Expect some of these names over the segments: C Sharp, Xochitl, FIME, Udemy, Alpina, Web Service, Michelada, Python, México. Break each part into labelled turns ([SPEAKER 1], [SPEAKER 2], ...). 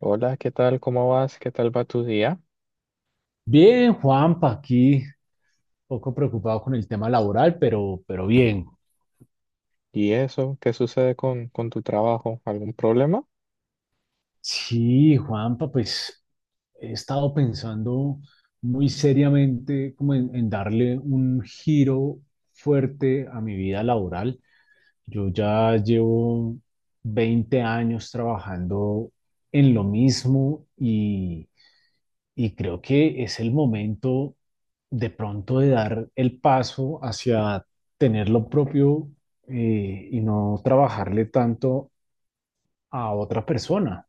[SPEAKER 1] Hola, ¿qué tal? ¿Cómo vas? ¿Qué tal va tu día?
[SPEAKER 2] Bien, Juanpa, aquí poco preocupado con el tema laboral, pero bien.
[SPEAKER 1] ¿Y eso? ¿Qué sucede con tu trabajo? ¿Algún problema?
[SPEAKER 2] Sí, Juanpa, pues he estado pensando muy seriamente como en darle un giro fuerte a mi vida laboral. Yo ya llevo 20 años trabajando en lo mismo y creo que es el momento de pronto de dar el paso hacia tener lo propio, y no trabajarle tanto a otra persona.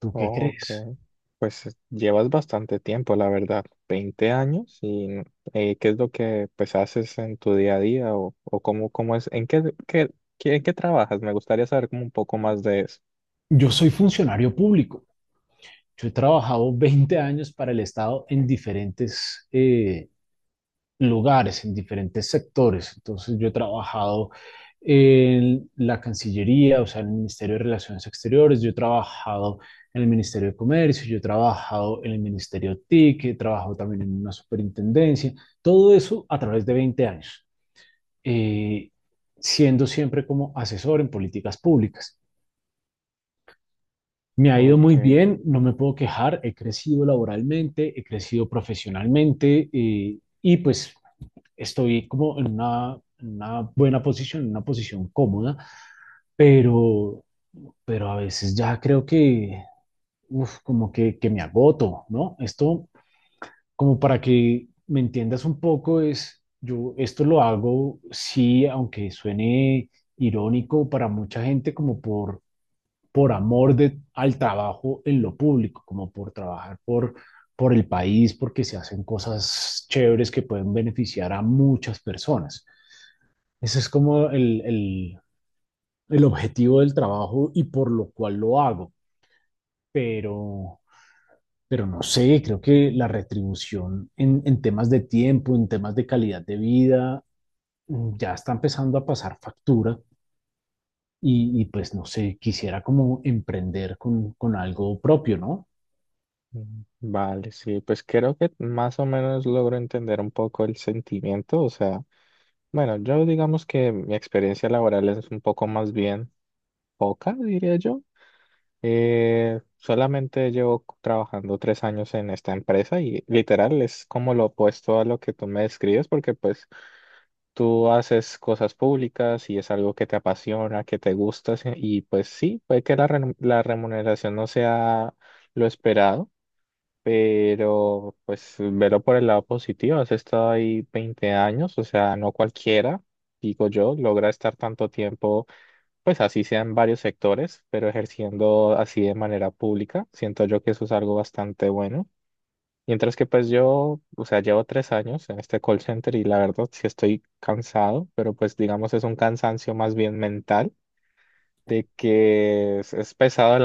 [SPEAKER 2] ¿Tú qué
[SPEAKER 1] Oh, ok.
[SPEAKER 2] crees?
[SPEAKER 1] Pues llevas bastante tiempo, la verdad, 20 años. ¿Y qué es lo que pues haces en tu día a día? ¿O cómo es? ¿En qué trabajas? Me gustaría saber como un poco más de eso.
[SPEAKER 2] Yo soy funcionario público. Yo he trabajado 20 años para el Estado en diferentes lugares, en diferentes sectores. Entonces yo he trabajado en la Cancillería, o sea, en el Ministerio de Relaciones Exteriores, yo he trabajado en el Ministerio de Comercio, yo he trabajado en el Ministerio TIC, he trabajado también en una superintendencia, todo eso a través de 20 años, eh, siendo siempre como asesor en políticas públicas. Me ha ido muy
[SPEAKER 1] Ok.
[SPEAKER 2] bien, no me puedo quejar, he crecido laboralmente, he crecido profesionalmente, y pues estoy como en una buena posición, en una posición cómoda, pero, pero a veces ya creo que, como que me agoto, ¿no? Esto, como para que me entiendas un poco, es, yo esto lo hago, sí, aunque suene irónico para mucha gente, como por amor al trabajo en lo público, como por trabajar por el país, porque se hacen cosas chéveres que pueden beneficiar a muchas personas. Ese es como el objetivo del trabajo y por lo cual lo hago, pero, pero no sé, creo que la retribución en temas de tiempo, en temas de calidad de vida, ya está empezando a pasar factura y pues no sé, quisiera como emprender con algo propio, ¿no?
[SPEAKER 1] Mm, vale, sí, pues creo que más o menos logro entender un poco el sentimiento, o sea, bueno, yo digamos que mi experiencia laboral es un poco más bien poca, diría yo. Solamente llevo trabajando tres años en esta empresa y literal es como lo opuesto a lo que tú me describes, porque pues tú haces cosas públicas y es algo que te apasiona, que te gusta, sí, y pues sí, puede que la remuneración no sea lo esperado, pero pues velo por el lado positivo. Has estado ahí 20 años, o sea, no cualquiera, digo yo, logra estar tanto tiempo, pues así sean varios sectores, pero ejerciendo así de manera pública, siento yo que eso es algo bastante bueno. Mientras que pues yo, o sea, llevo tres años en este call center y la verdad sí estoy cansado, pero pues digamos es un cansancio más bien mental, de que es pesado el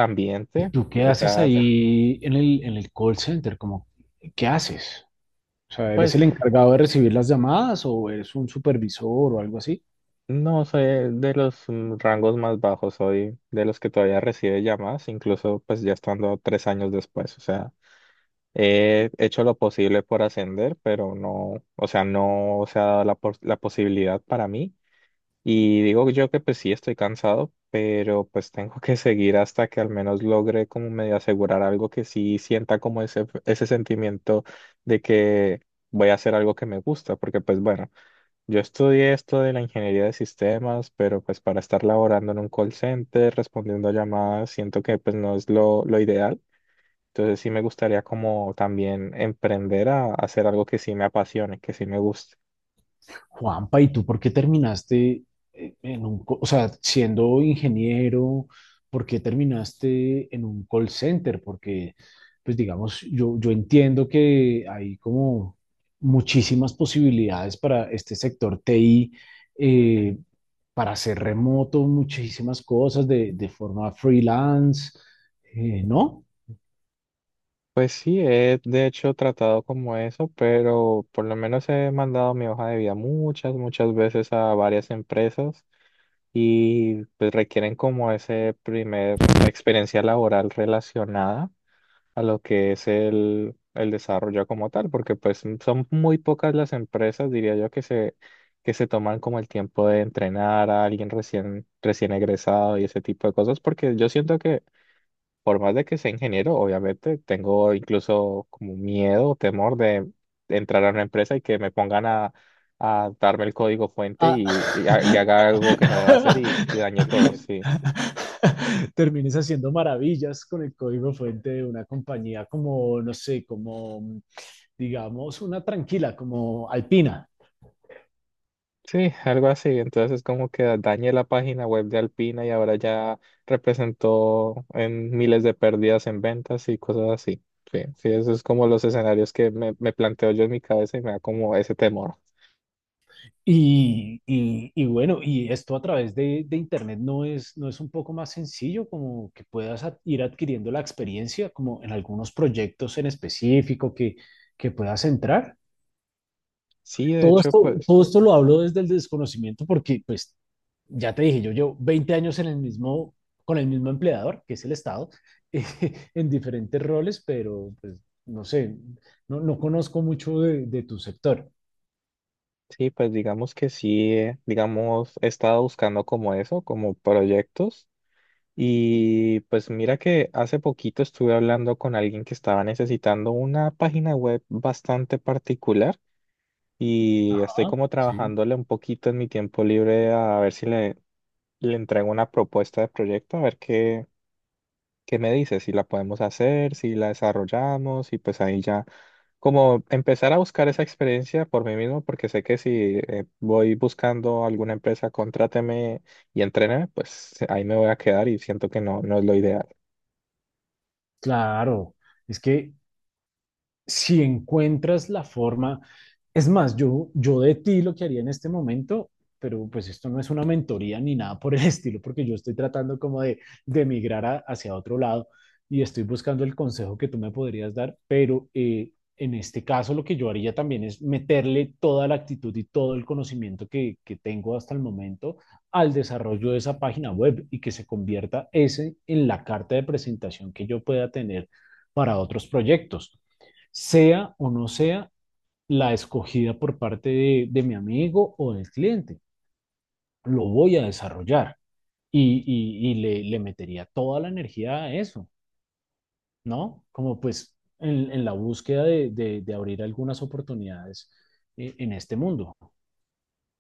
[SPEAKER 2] ¿Y
[SPEAKER 1] ambiente,
[SPEAKER 2] ¿Tú qué
[SPEAKER 1] o
[SPEAKER 2] haces
[SPEAKER 1] sea,
[SPEAKER 2] ahí en el call center? Como, ¿qué haces? O sea, ¿eres
[SPEAKER 1] pues
[SPEAKER 2] el encargado de recibir las llamadas o eres un supervisor o algo así?
[SPEAKER 1] no soy de los rangos más bajos, soy de los que todavía recibe llamadas, incluso pues ya estando tres años después, o sea. He hecho lo posible por ascender, pero no, o sea, no se ha dado la posibilidad para mí. Y digo yo que pues sí estoy cansado, pero pues tengo que seguir hasta que al menos logre como medio asegurar algo que sí sienta como ese sentimiento de que voy a hacer algo que me gusta, porque pues bueno, yo estudié esto de la ingeniería de sistemas, pero pues para estar laborando en un call center, respondiendo llamadas, siento que pues no es lo ideal. Entonces sí me gustaría como también emprender a hacer algo que sí me apasione, que sí me guste.
[SPEAKER 2] Juanpa, ¿y tú por qué terminaste en un, o sea, siendo ingeniero, por qué terminaste en un call center? Porque, pues digamos, yo entiendo que hay como muchísimas posibilidades para este sector TI, eh, para hacer remoto, muchísimas cosas de forma freelance, ¿no?
[SPEAKER 1] Pues sí, he de hecho tratado como eso, pero por lo menos he mandado mi hoja de vida muchas, muchas veces a varias empresas y pues requieren como ese primer experiencia laboral relacionada a lo que es el desarrollo como tal, porque pues son muy pocas las empresas, diría yo, que se toman como el tiempo de entrenar a alguien recién egresado y ese tipo de cosas, porque yo siento que por más de que sea ingeniero, obviamente tengo incluso como miedo o temor de entrar a una empresa y que me pongan a darme el código fuente
[SPEAKER 2] Ah.
[SPEAKER 1] y haga algo que no deba hacer y dañe todo, sí.
[SPEAKER 2] Termines haciendo maravillas con el código fuente de una compañía como, no sé, como, digamos, una tranquila, como Alpina.
[SPEAKER 1] Sí, algo así. Entonces como que dañé la página web de Alpina y ahora ya representó en miles de pérdidas en ventas y cosas así. Sí, sí, eso es como los escenarios que me planteo yo en mi cabeza y me da como ese temor.
[SPEAKER 2] Y bueno, y esto a través de Internet no es, no es un poco más sencillo, como que puedas ir adquiriendo la experiencia, como en algunos proyectos en específico que puedas entrar.
[SPEAKER 1] Sí, de
[SPEAKER 2] Todo
[SPEAKER 1] hecho,
[SPEAKER 2] esto,
[SPEAKER 1] pues,
[SPEAKER 2] todo esto lo hablo desde el desconocimiento porque pues ya te dije, yo llevo 20 años en el mismo, con el mismo empleador, que es el Estado, en diferentes roles, pero pues no sé, no, no conozco mucho de tu sector.
[SPEAKER 1] sí, pues digamos que sí, digamos, he estado buscando como eso, como proyectos. Y pues mira que hace poquito estuve hablando con alguien que estaba necesitando una página web bastante particular, y estoy
[SPEAKER 2] Ah,
[SPEAKER 1] como
[SPEAKER 2] sí,
[SPEAKER 1] trabajándole un poquito en mi tiempo libre a ver si le entrego una propuesta de proyecto, a ver qué, qué me dice, si la podemos hacer, si la desarrollamos y pues ahí ya como empezar a buscar esa experiencia por mí mismo, porque sé que si voy buscando alguna empresa, contráteme y entréneme, pues ahí me voy a quedar y siento que no, no es lo ideal.
[SPEAKER 2] claro. Es que si encuentras la forma, es más, yo de ti lo que haría en este momento, pero pues esto no es una mentoría ni nada por el estilo, porque yo estoy tratando como de emigrar hacia otro lado y estoy buscando el consejo que tú me podrías dar, pero en este caso lo que yo haría también es meterle toda la actitud y todo el conocimiento que tengo hasta el momento al desarrollo de esa página web y que se convierta ese en la carta de presentación que yo pueda tener para otros proyectos sea o no sea la escogida por parte de mi amigo o del cliente. Lo voy a desarrollar y le metería toda la energía a eso, ¿no? Como pues en la búsqueda de, de abrir algunas oportunidades, en este mundo.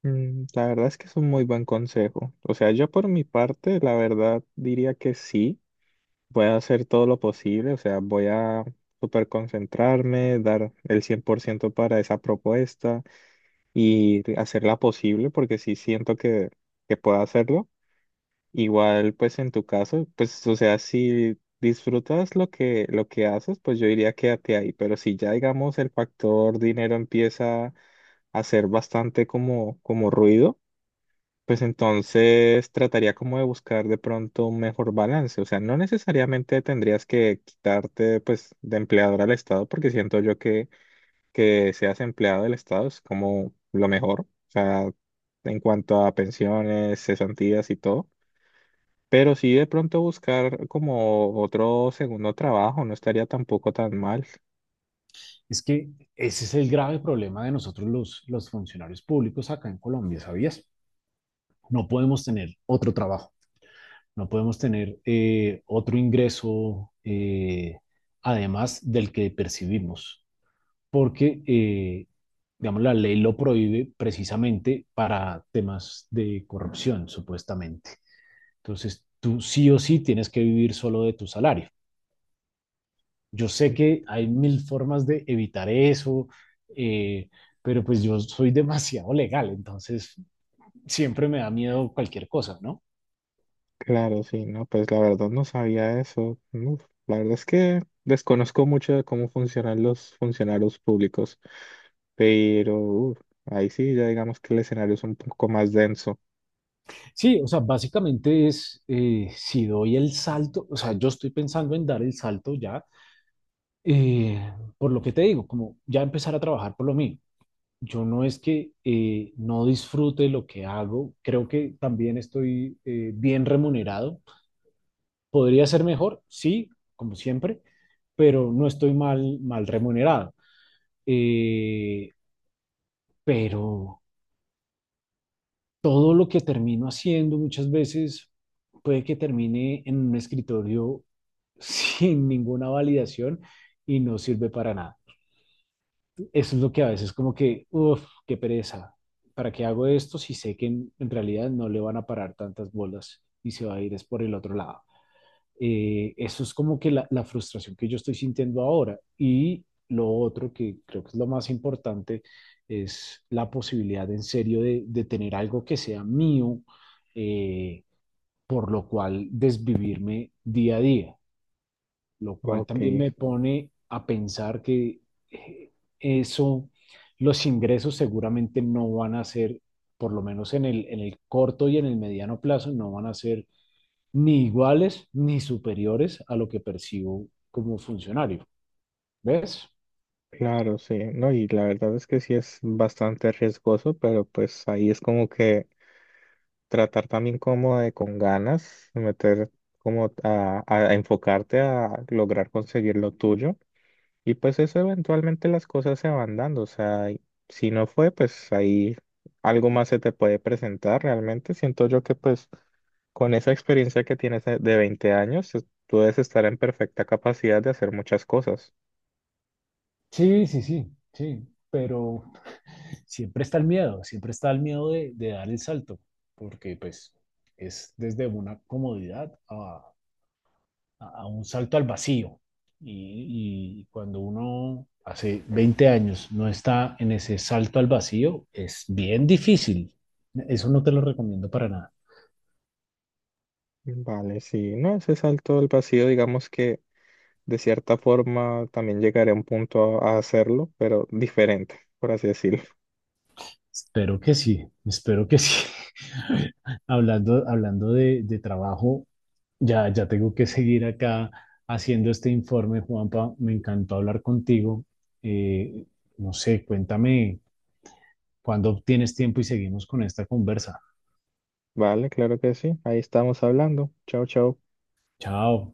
[SPEAKER 1] Mm, la verdad es que es un muy buen consejo. O sea, yo por mi parte, la verdad diría que sí, voy a hacer todo lo posible, o sea, voy a super concentrarme, dar el 100% para esa propuesta y hacerla posible porque sí siento que puedo hacerlo. Igual, pues en tu caso, pues, o sea, si disfrutas lo que haces, pues yo diría quédate ahí, pero si ya, digamos, el factor dinero empieza a ser bastante como, como ruido, pues entonces trataría como de buscar de pronto un mejor balance. O sea, no necesariamente tendrías que quitarte pues de empleador al Estado, porque siento yo que seas empleado del Estado es como lo mejor. O sea, en cuanto a pensiones, cesantías y todo. Pero sí de pronto buscar como otro segundo trabajo no estaría tampoco tan mal.
[SPEAKER 2] Es que ese es el grave problema de nosotros los funcionarios públicos acá en Colombia, ¿sabías? No podemos tener otro trabajo. No podemos tener otro ingreso, además del que percibimos, porque, digamos, la ley lo prohíbe precisamente para temas de corrupción, supuestamente. Entonces, tú sí o sí tienes que vivir solo de tu salario. Yo sé que hay mil formas de evitar eso, eh, pero pues yo soy demasiado legal, entonces siempre me da miedo cualquier cosa, ¿no?
[SPEAKER 1] Claro, sí, no, pues la verdad no sabía eso. Uf, la verdad es que desconozco mucho de cómo funcionan los funcionarios públicos, pero uf, ahí sí, ya digamos que el escenario es un poco más denso.
[SPEAKER 2] Sí, o sea, básicamente es, si doy el salto, o sea, yo estoy pensando en dar el salto ya, por lo que te digo, como ya empezar a trabajar por lo mío. Yo no es que no disfrute lo que hago, creo que también estoy bien remunerado. Podría ser mejor, sí, como siempre, pero no estoy mal remunerado. Eh, pero todo lo que termino haciendo muchas veces puede que termine en un escritorio sin ninguna validación y no sirve para nada. Eso es lo que a veces como que, uff, qué pereza. ¿Para qué hago esto si sé que en realidad no le van a parar tantas bolas y se va a ir es por el otro lado? Eso es como que la frustración que yo estoy sintiendo ahora. Y lo otro que creo que es lo más importante es la posibilidad en serio de tener algo que sea mío, eh, por lo cual desvivirme día a día, lo cual
[SPEAKER 1] Ok,
[SPEAKER 2] también me pone a pensar que eh, eso, los ingresos seguramente no van a ser, por lo menos en el corto y en el mediano plazo, no van a ser ni iguales ni superiores a lo que percibo como funcionario. ¿Ves?
[SPEAKER 1] claro, sí, no, y la verdad es que sí es bastante riesgoso, pero pues ahí es como que tratar también como de con ganas, meter como a enfocarte a lograr conseguir lo tuyo. Y pues eso eventualmente las cosas se van dando, o sea, y si no fue, pues ahí algo más se te puede presentar realmente. Siento yo que pues con esa experiencia que tienes de 20 años, es- tú debes estar en perfecta capacidad de hacer muchas cosas.
[SPEAKER 2] Sí, sí, sí, sí, pero siempre está el miedo, siempre está el miedo de dar el salto, porque pues es desde una comodidad a un salto al vacío. Y cuando uno hace 20 años no está en ese salto al vacío, es bien difícil. Eso no te lo recomiendo para nada.
[SPEAKER 1] Vale, sí, no, ese salto al vacío, digamos que de cierta forma también llegaré a un punto a hacerlo, pero diferente, por así decirlo.
[SPEAKER 2] Espero que sí, espero que sí. Hablando de trabajo, ya tengo que seguir acá haciendo este informe, Juanpa. Me encantó hablar contigo. Eh, no sé, cuéntame cuándo tienes tiempo y seguimos con esta conversa.
[SPEAKER 1] Vale, claro que sí, ahí estamos hablando. Chao, chao.
[SPEAKER 2] Chao.